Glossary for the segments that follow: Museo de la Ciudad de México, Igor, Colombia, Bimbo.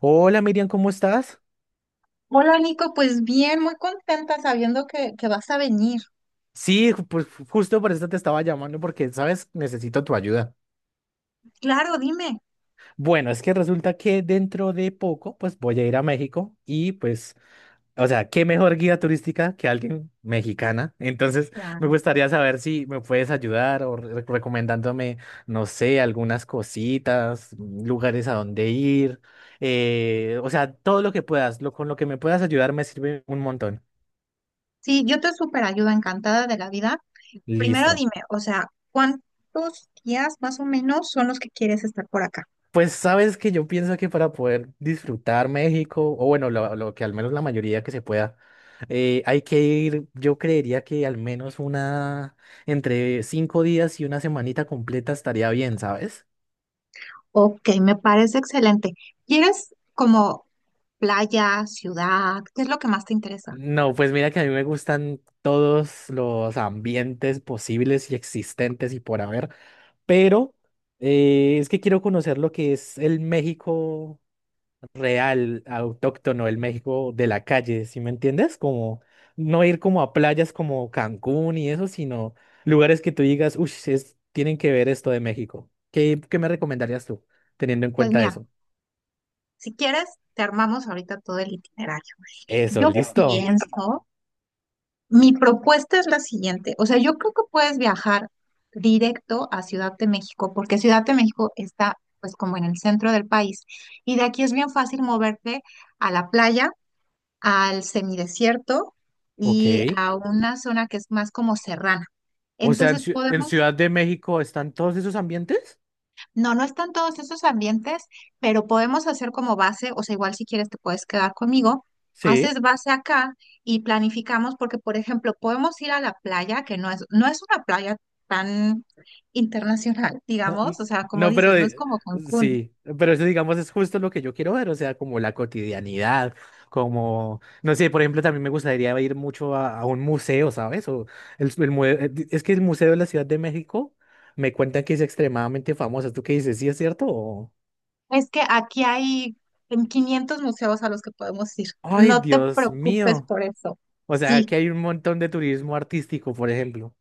Hola Miriam, ¿cómo estás? Hola Nico, pues bien, muy contenta sabiendo que vas a venir. Sí, justo por eso te estaba llamando porque, sabes, necesito tu ayuda. Claro, dime. Bueno, es que resulta que dentro de poco, pues voy a ir a México y pues, o sea, ¿qué mejor guía turística que alguien mexicana? Entonces, me Claro. gustaría saber si me puedes ayudar o recomendándome, no sé, algunas cositas, lugares a donde ir, o sea, todo lo que puedas, con lo que me puedas ayudar me sirve un montón. Sí, yo te súper ayudo, encantada de la vida. Primero Listo. dime, o sea, ¿cuántos días más o menos son los que quieres estar por acá? Pues sabes que yo pienso que para poder disfrutar México, o bueno, lo que al menos la mayoría que se pueda, hay que ir, yo creería que al menos una, entre cinco días y una semanita completa estaría bien, ¿sabes? Ok, me parece excelente. ¿Quieres como playa, ciudad? ¿Qué es lo que más te interesa? No, pues mira que a mí me gustan todos los ambientes posibles y existentes y por haber, pero es que quiero conocer lo que es el México real, autóctono del México de la calle, ¿sí me entiendes? Como no ir como a playas como Cancún y eso, sino lugares que tú digas, uy, tienen que ver esto de México. ¿Qué, qué me recomendarías tú, teniendo en Pues cuenta mira, eso? si quieres, te armamos ahorita todo el itinerario. Eso, Yo listo. pienso. Mi propuesta es la siguiente, o sea, yo creo que puedes viajar directo a Ciudad de México, porque Ciudad de México está pues como en el centro del país y de aquí es bien fácil moverte a la playa, al semidesierto Ok. y a una zona que es más como serrana. O sea, Entonces en podemos. Ciudad de México están todos esos ambientes. No, no están todos esos ambientes, pero podemos hacer como base, o sea, igual si quieres te puedes quedar conmigo, Sí. haces base acá y planificamos porque, por ejemplo, podemos ir a la playa, que no es una playa tan internacional, Ah, digamos, n- o sea, como No, dices, pero no es como Cancún. sí, pero eso digamos es justo lo que yo quiero ver, o sea, como la cotidianidad, como, no sé, por ejemplo, también me gustaría ir mucho a un museo, ¿sabes? O es que el Museo de la Ciudad de México me cuentan que es extremadamente famoso. ¿Tú qué dices? ¿Sí es cierto? O- Es que aquí hay en 500 museos a los que podemos ir. Ay, No te Dios preocupes mío. por eso. O sea, Sí. que hay un montón de turismo artístico, por ejemplo.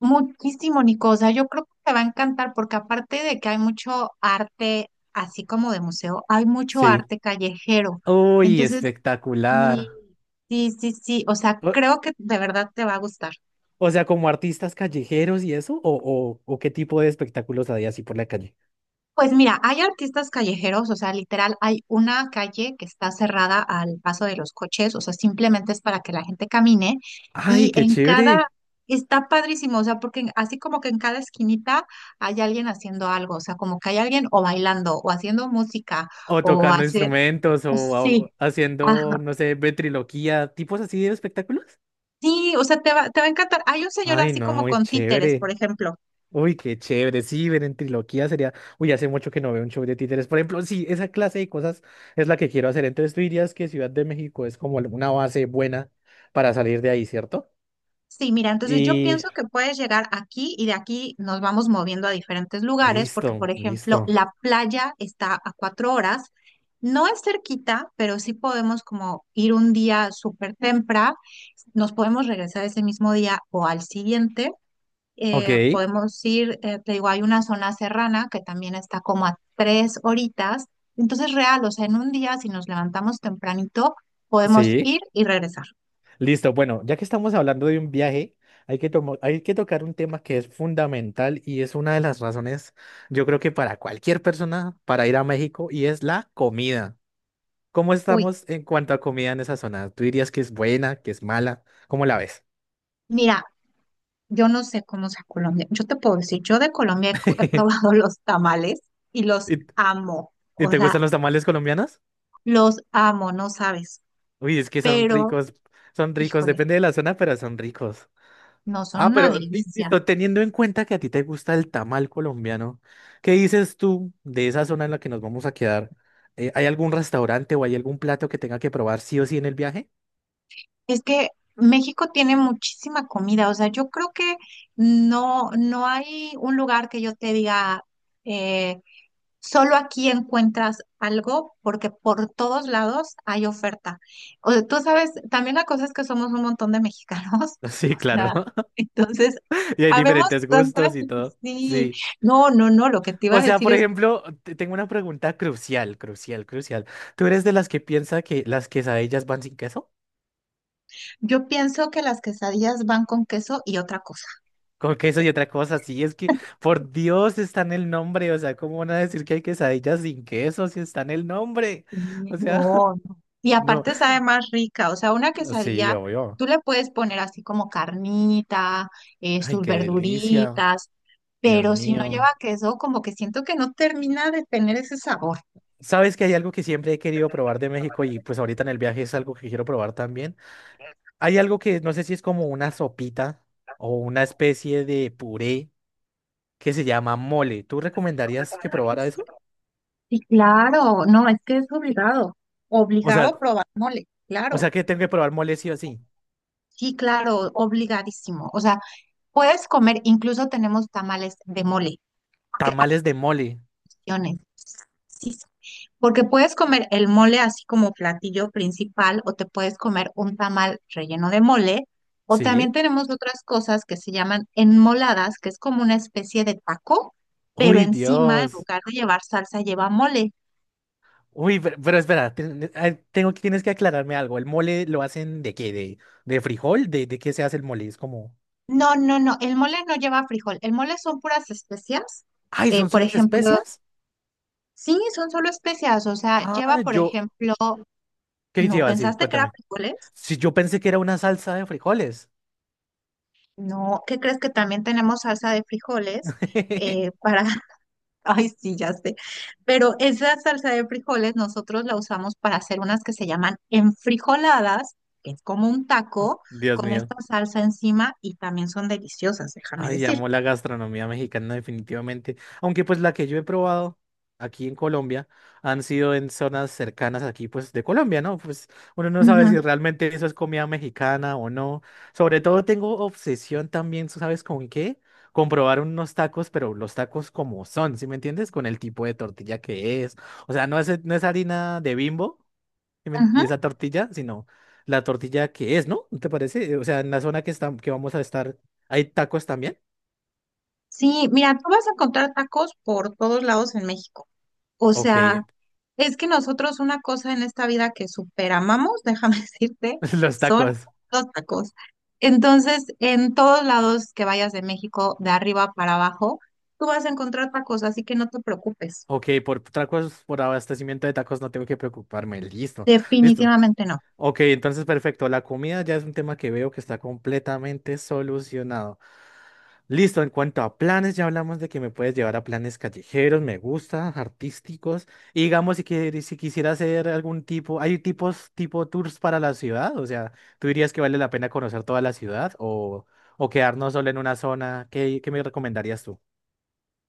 Muchísimo, Nico. O sea, yo creo que te va a encantar porque aparte de que hay mucho arte, así como de museo, hay mucho Sí. arte callejero. Uy, Entonces, sí, espectacular. sí, sí, sí. O sea, creo que de verdad te va a gustar. O sea, como artistas callejeros y eso, o qué tipo de espectáculos había así por la calle. Pues mira, hay artistas callejeros, o sea, literal, hay una calle que está cerrada al paso de los coches, o sea, simplemente es para que la gente camine ¡Ay, y qué chévere! está padrísimo, o sea, porque así como que en cada esquinita hay alguien haciendo algo, o sea, como que hay alguien o bailando o haciendo música O o tocando hacer, instrumentos, sí, o ajá, haciendo, no sé, ventriloquía, tipos así de espectáculos. sí, o sea, te va a encantar. Hay un señor Ay, así no, como muy con títeres, por chévere. ejemplo. Uy, qué chévere. Sí, ver en ventriloquía sería. Uy, hace mucho que no veo un show de títeres. Por ejemplo, sí, esa clase de cosas es la que quiero hacer. Entonces, tú dirías que Ciudad de México es como una base buena para salir de ahí, ¿cierto? Sí, mira, entonces yo Y pienso que puedes llegar aquí y de aquí nos vamos moviendo a diferentes lugares, porque por listo, ejemplo, listo. la playa está a 4 horas, no es cerquita, pero sí podemos como ir un día súper temprano, nos podemos regresar ese mismo día o al siguiente, Ok, podemos ir, te digo, hay una zona serrana que también está como a 3 horitas, entonces real, o sea, en un día si nos levantamos tempranito, podemos sí. ir y regresar. Listo, bueno, ya que estamos hablando de un viaje, hay que tocar un tema que es fundamental y es una de las razones, yo creo que para cualquier persona, para ir a México, y es la comida. ¿Cómo Uy. estamos en cuanto a comida en esa zona? ¿Tú dirías que es buena, que es mala? ¿Cómo la ves? Mira, yo no sé cómo sea Colombia. Yo te puedo decir, yo de Colombia he probado los tamales y los ¿Y, amo. y O te sea, gustan los tamales colombianos? los amo, no sabes. Uy, es que Pero, son ricos, híjole, depende de la zona, pero son ricos. no son Ah, una pero delicia. listo, teniendo en cuenta que a ti te gusta el tamal colombiano, ¿qué dices tú de esa zona en la que nos vamos a quedar? ¿Hay algún restaurante o hay algún plato que tenga que probar sí o sí en el viaje? Es que México tiene muchísima comida. O sea, yo creo que no hay un lugar que yo te diga, eh, solo aquí encuentras algo porque por todos lados hay oferta. O sea, tú sabes, también la cosa es que somos un montón de mexicanos, o Sí, claro. sea, entonces, Y hay habemos diferentes tanta, gustos y todo. sí, Sí. no, no, no, lo que te iba O a sea, decir por es, ejemplo, tengo una pregunta crucial, crucial, crucial. ¿Tú eres de las que piensa que las quesadillas van sin queso? yo pienso que las quesadillas van con queso y otra cosa. Con queso y otra cosa, sí, es que por Dios está en el nombre, o sea, ¿cómo van a decir que hay quesadillas sin queso si está en el nombre? Mm, O sea... no, no. Y No, aparte sabe más rica, o sea, una sí, quesadilla, obvio. tú le puedes poner así como carnita, Ay, sus qué delicia. verduritas, Dios pero si no lleva mío. queso, como que siento que no termina de tener ese sabor. ¿Sabes que hay algo que siempre he querido probar de México y pues ahorita en el viaje es algo que quiero probar también? Hay algo que no sé si es como una sopita o una especie de puré que se llama mole. ¿Tú recomendarías que probara eso? Sí, claro, no, es que es obligado, O obligado sea, a probar mole, o claro, sea que tengo que probar mole sí o sí. sí, claro, obligadísimo. O sea, puedes comer, incluso tenemos tamales de mole. Tamales de mole. Opciones. Sí, sí. Porque puedes comer el mole así como platillo principal o te puedes comer un tamal relleno de mole o también ¿Sí? tenemos otras cosas que se llaman enmoladas, que es como una especie de taco, pero Uy, encima en Dios. lugar de llevar salsa lleva mole. Uy, pero espera, ay, tengo que tienes que aclararme algo. ¿El mole lo hacen de qué? De frijol? De qué se hace el mole? Es como... No, no, no, el mole no lleva frijol, el mole son puras especias. Ay, ¿son Por solo las ejemplo, especias? sí, son solo especias, o sea, lleva, Ah, por yo. ejemplo, ¿Qué ¿no lleva así? pensaste que era Cuéntame. frijoles? Si yo pensé que era una salsa de frijoles. No, ¿qué crees que también tenemos salsa de frijoles? eh, para, ay, sí, ya sé, pero esa salsa de frijoles nosotros la usamos para hacer unas que se llaman enfrijoladas, que es como un taco Dios con mío. esta salsa encima y también son deliciosas, déjame Ay, decirte. amo la gastronomía mexicana definitivamente. Aunque pues la que yo he probado aquí en Colombia han sido en zonas cercanas aquí pues de Colombia, ¿no? Pues uno no sabe Ujú, si realmente eso es comida mexicana o no. Sobre todo tengo obsesión también, tú ¿sabes con qué? Comprobar unos tacos, pero los tacos como son, ¿sí me entiendes? Con el tipo de tortilla que es. O sea, no es harina de Bimbo, ¿sí me- de ujú. esa tortilla, sino la tortilla que es, ¿no? ¿Te parece? O sea, en la zona que, está, que vamos a estar, ¿hay tacos también? Sí, mira, tú vas a encontrar tacos por todos lados en México. O Ok, sea, es que nosotros una cosa en esta vida que superamamos, déjame decirte, los son tacos. los tacos. Entonces, en todos lados que vayas de México, de arriba para abajo, tú vas a encontrar tacos, así que no te preocupes. Ok, por tacos, por abastecimiento de tacos no tengo que preocuparme. Listo, listo. Definitivamente no. Ok, entonces perfecto. La comida ya es un tema que veo que está completamente solucionado. Listo, en cuanto a planes, ya hablamos de que me puedes llevar a planes callejeros, me gusta, artísticos. Y digamos, si quisiera hacer algún tipo, hay tipos, tipo tours para la ciudad, o sea, ¿tú dirías que vale la pena conocer toda la ciudad o quedarnos solo en una zona? ¿Qué, qué me recomendarías tú?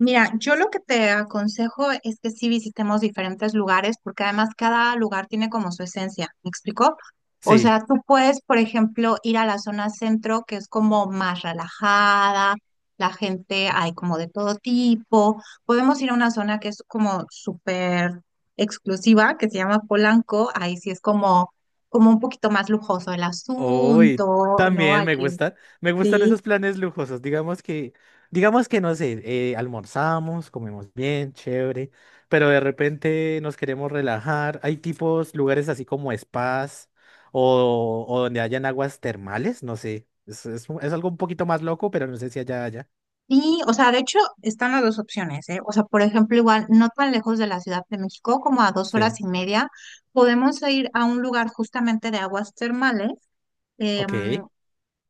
Mira, yo lo que te aconsejo es que sí visitemos diferentes lugares, porque además cada lugar tiene como su esencia, ¿me explicó? O Sí. sea, tú puedes, por ejemplo, ir a la zona centro, que es como más relajada, la gente hay como de todo tipo. Podemos ir a una zona que es como súper exclusiva, que se llama Polanco, ahí sí es como un poquito más lujoso el Uy, asunto, ¿no? también me Aquí gusta, me gustan sí. esos planes lujosos. Digamos que no sé, almorzamos, comemos bien, chévere, pero de repente nos queremos relajar. Hay tipos, lugares así como spas o donde hayan aguas termales, no sé. Es algo un poquito más loco, pero no sé si allá haya. Sí, o sea, de hecho están las dos opciones, ¿eh? O sea, por ejemplo, igual no tan lejos de la Ciudad de México, como a dos Sí. horas y media, podemos ir a un lugar justamente de aguas termales, em, Ok.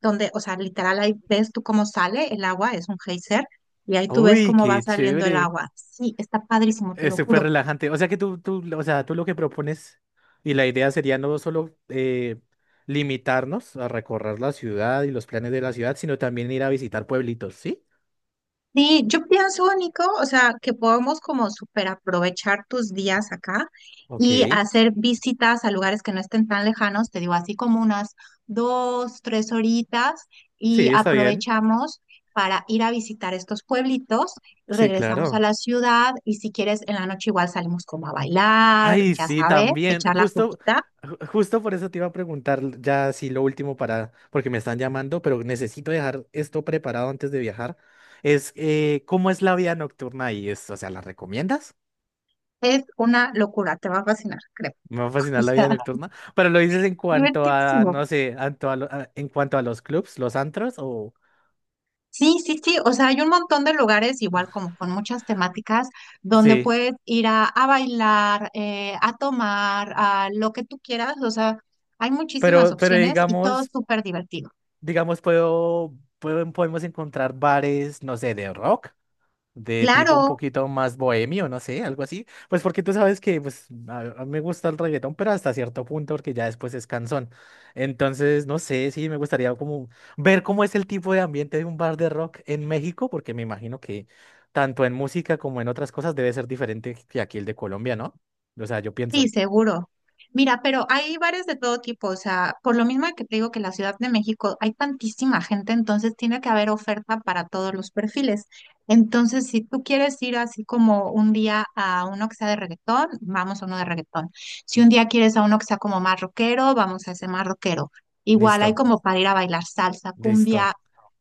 donde, o sea, literal ahí ves tú cómo sale el agua, es un geyser, y ahí tú ves Uy, cómo va qué saliendo el chévere. agua. Sí, está padrísimo, te Es lo súper juro. relajante. O sea que tú lo que propones y la idea sería no solo limitarnos a recorrer la ciudad y los planes de la ciudad, sino también ir a visitar pueblitos, ¿sí? Sí, yo pienso, Nico, o sea, que podemos como super aprovechar tus días acá y Ok. hacer visitas a lugares que no estén tan lejanos, te digo, así como unas 2, 3 horitas y Sí, está bien. aprovechamos para ir a visitar estos pueblitos, Sí, regresamos a claro. la ciudad y si quieres en la noche igual salimos como a bailar, Ay, ya sí, sabes, también. echar la Justo, copita. Justo por eso te iba a preguntar ya sí lo último para, porque me están llamando, pero necesito dejar esto preparado antes de viajar. Es ¿cómo es la vida nocturna ahí? Es, o sea, ¿la recomiendas? Es una locura, te va a fascinar, creo. Me va a fascinar O la sea, vida nocturna. Pero lo dices en cuanto a, divertidísimo. no sé, en cuanto a los clubs, los antros, o Sí, sí, sí, o sea, hay un montón de lugares, igual como con muchas temáticas, donde sí. puedes ir a bailar, a tomar, a lo que tú quieras, o sea, hay muchísimas Pero opciones y todo digamos, súper divertido. digamos, podemos encontrar bares, no sé, de rock. De tipo un Claro. poquito más bohemio, no sé, algo así. Pues porque tú sabes que pues a mí me gusta el reggaetón, pero hasta cierto punto, porque ya después es cansón. Entonces, no sé, sí, me gustaría como ver cómo es el tipo de ambiente de un bar de rock en México, porque me imagino que tanto en música como en otras cosas debe ser diferente que aquí el de Colombia, ¿no? O sea, yo Sí, pienso. seguro. Mira, pero hay bares de todo tipo, o sea, por lo mismo que te digo que en la Ciudad de México hay tantísima gente, entonces tiene que haber oferta para todos los perfiles. Entonces, si tú quieres ir así como un día a uno que sea de reggaetón, vamos a uno de reggaetón. Si un día quieres a uno que sea como más rockero, vamos a ese más rockero. Igual hay Listo, como para ir a bailar salsa, cumbia, listo.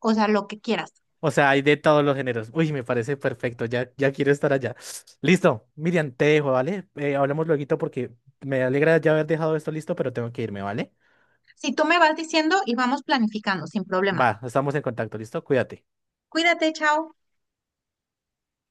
o sea, lo que quieras. O sea, hay de todos los géneros. Uy, me parece perfecto. Ya, ya quiero estar allá. Listo. Miriam, te dejo, ¿vale? Hablamos luego porque me alegra ya haber dejado esto listo, pero tengo que irme, ¿vale? Si tú me vas diciendo y vamos planificando, sin problema. Va, estamos en contacto, ¿listo? Cuídate. Cuídate, chao.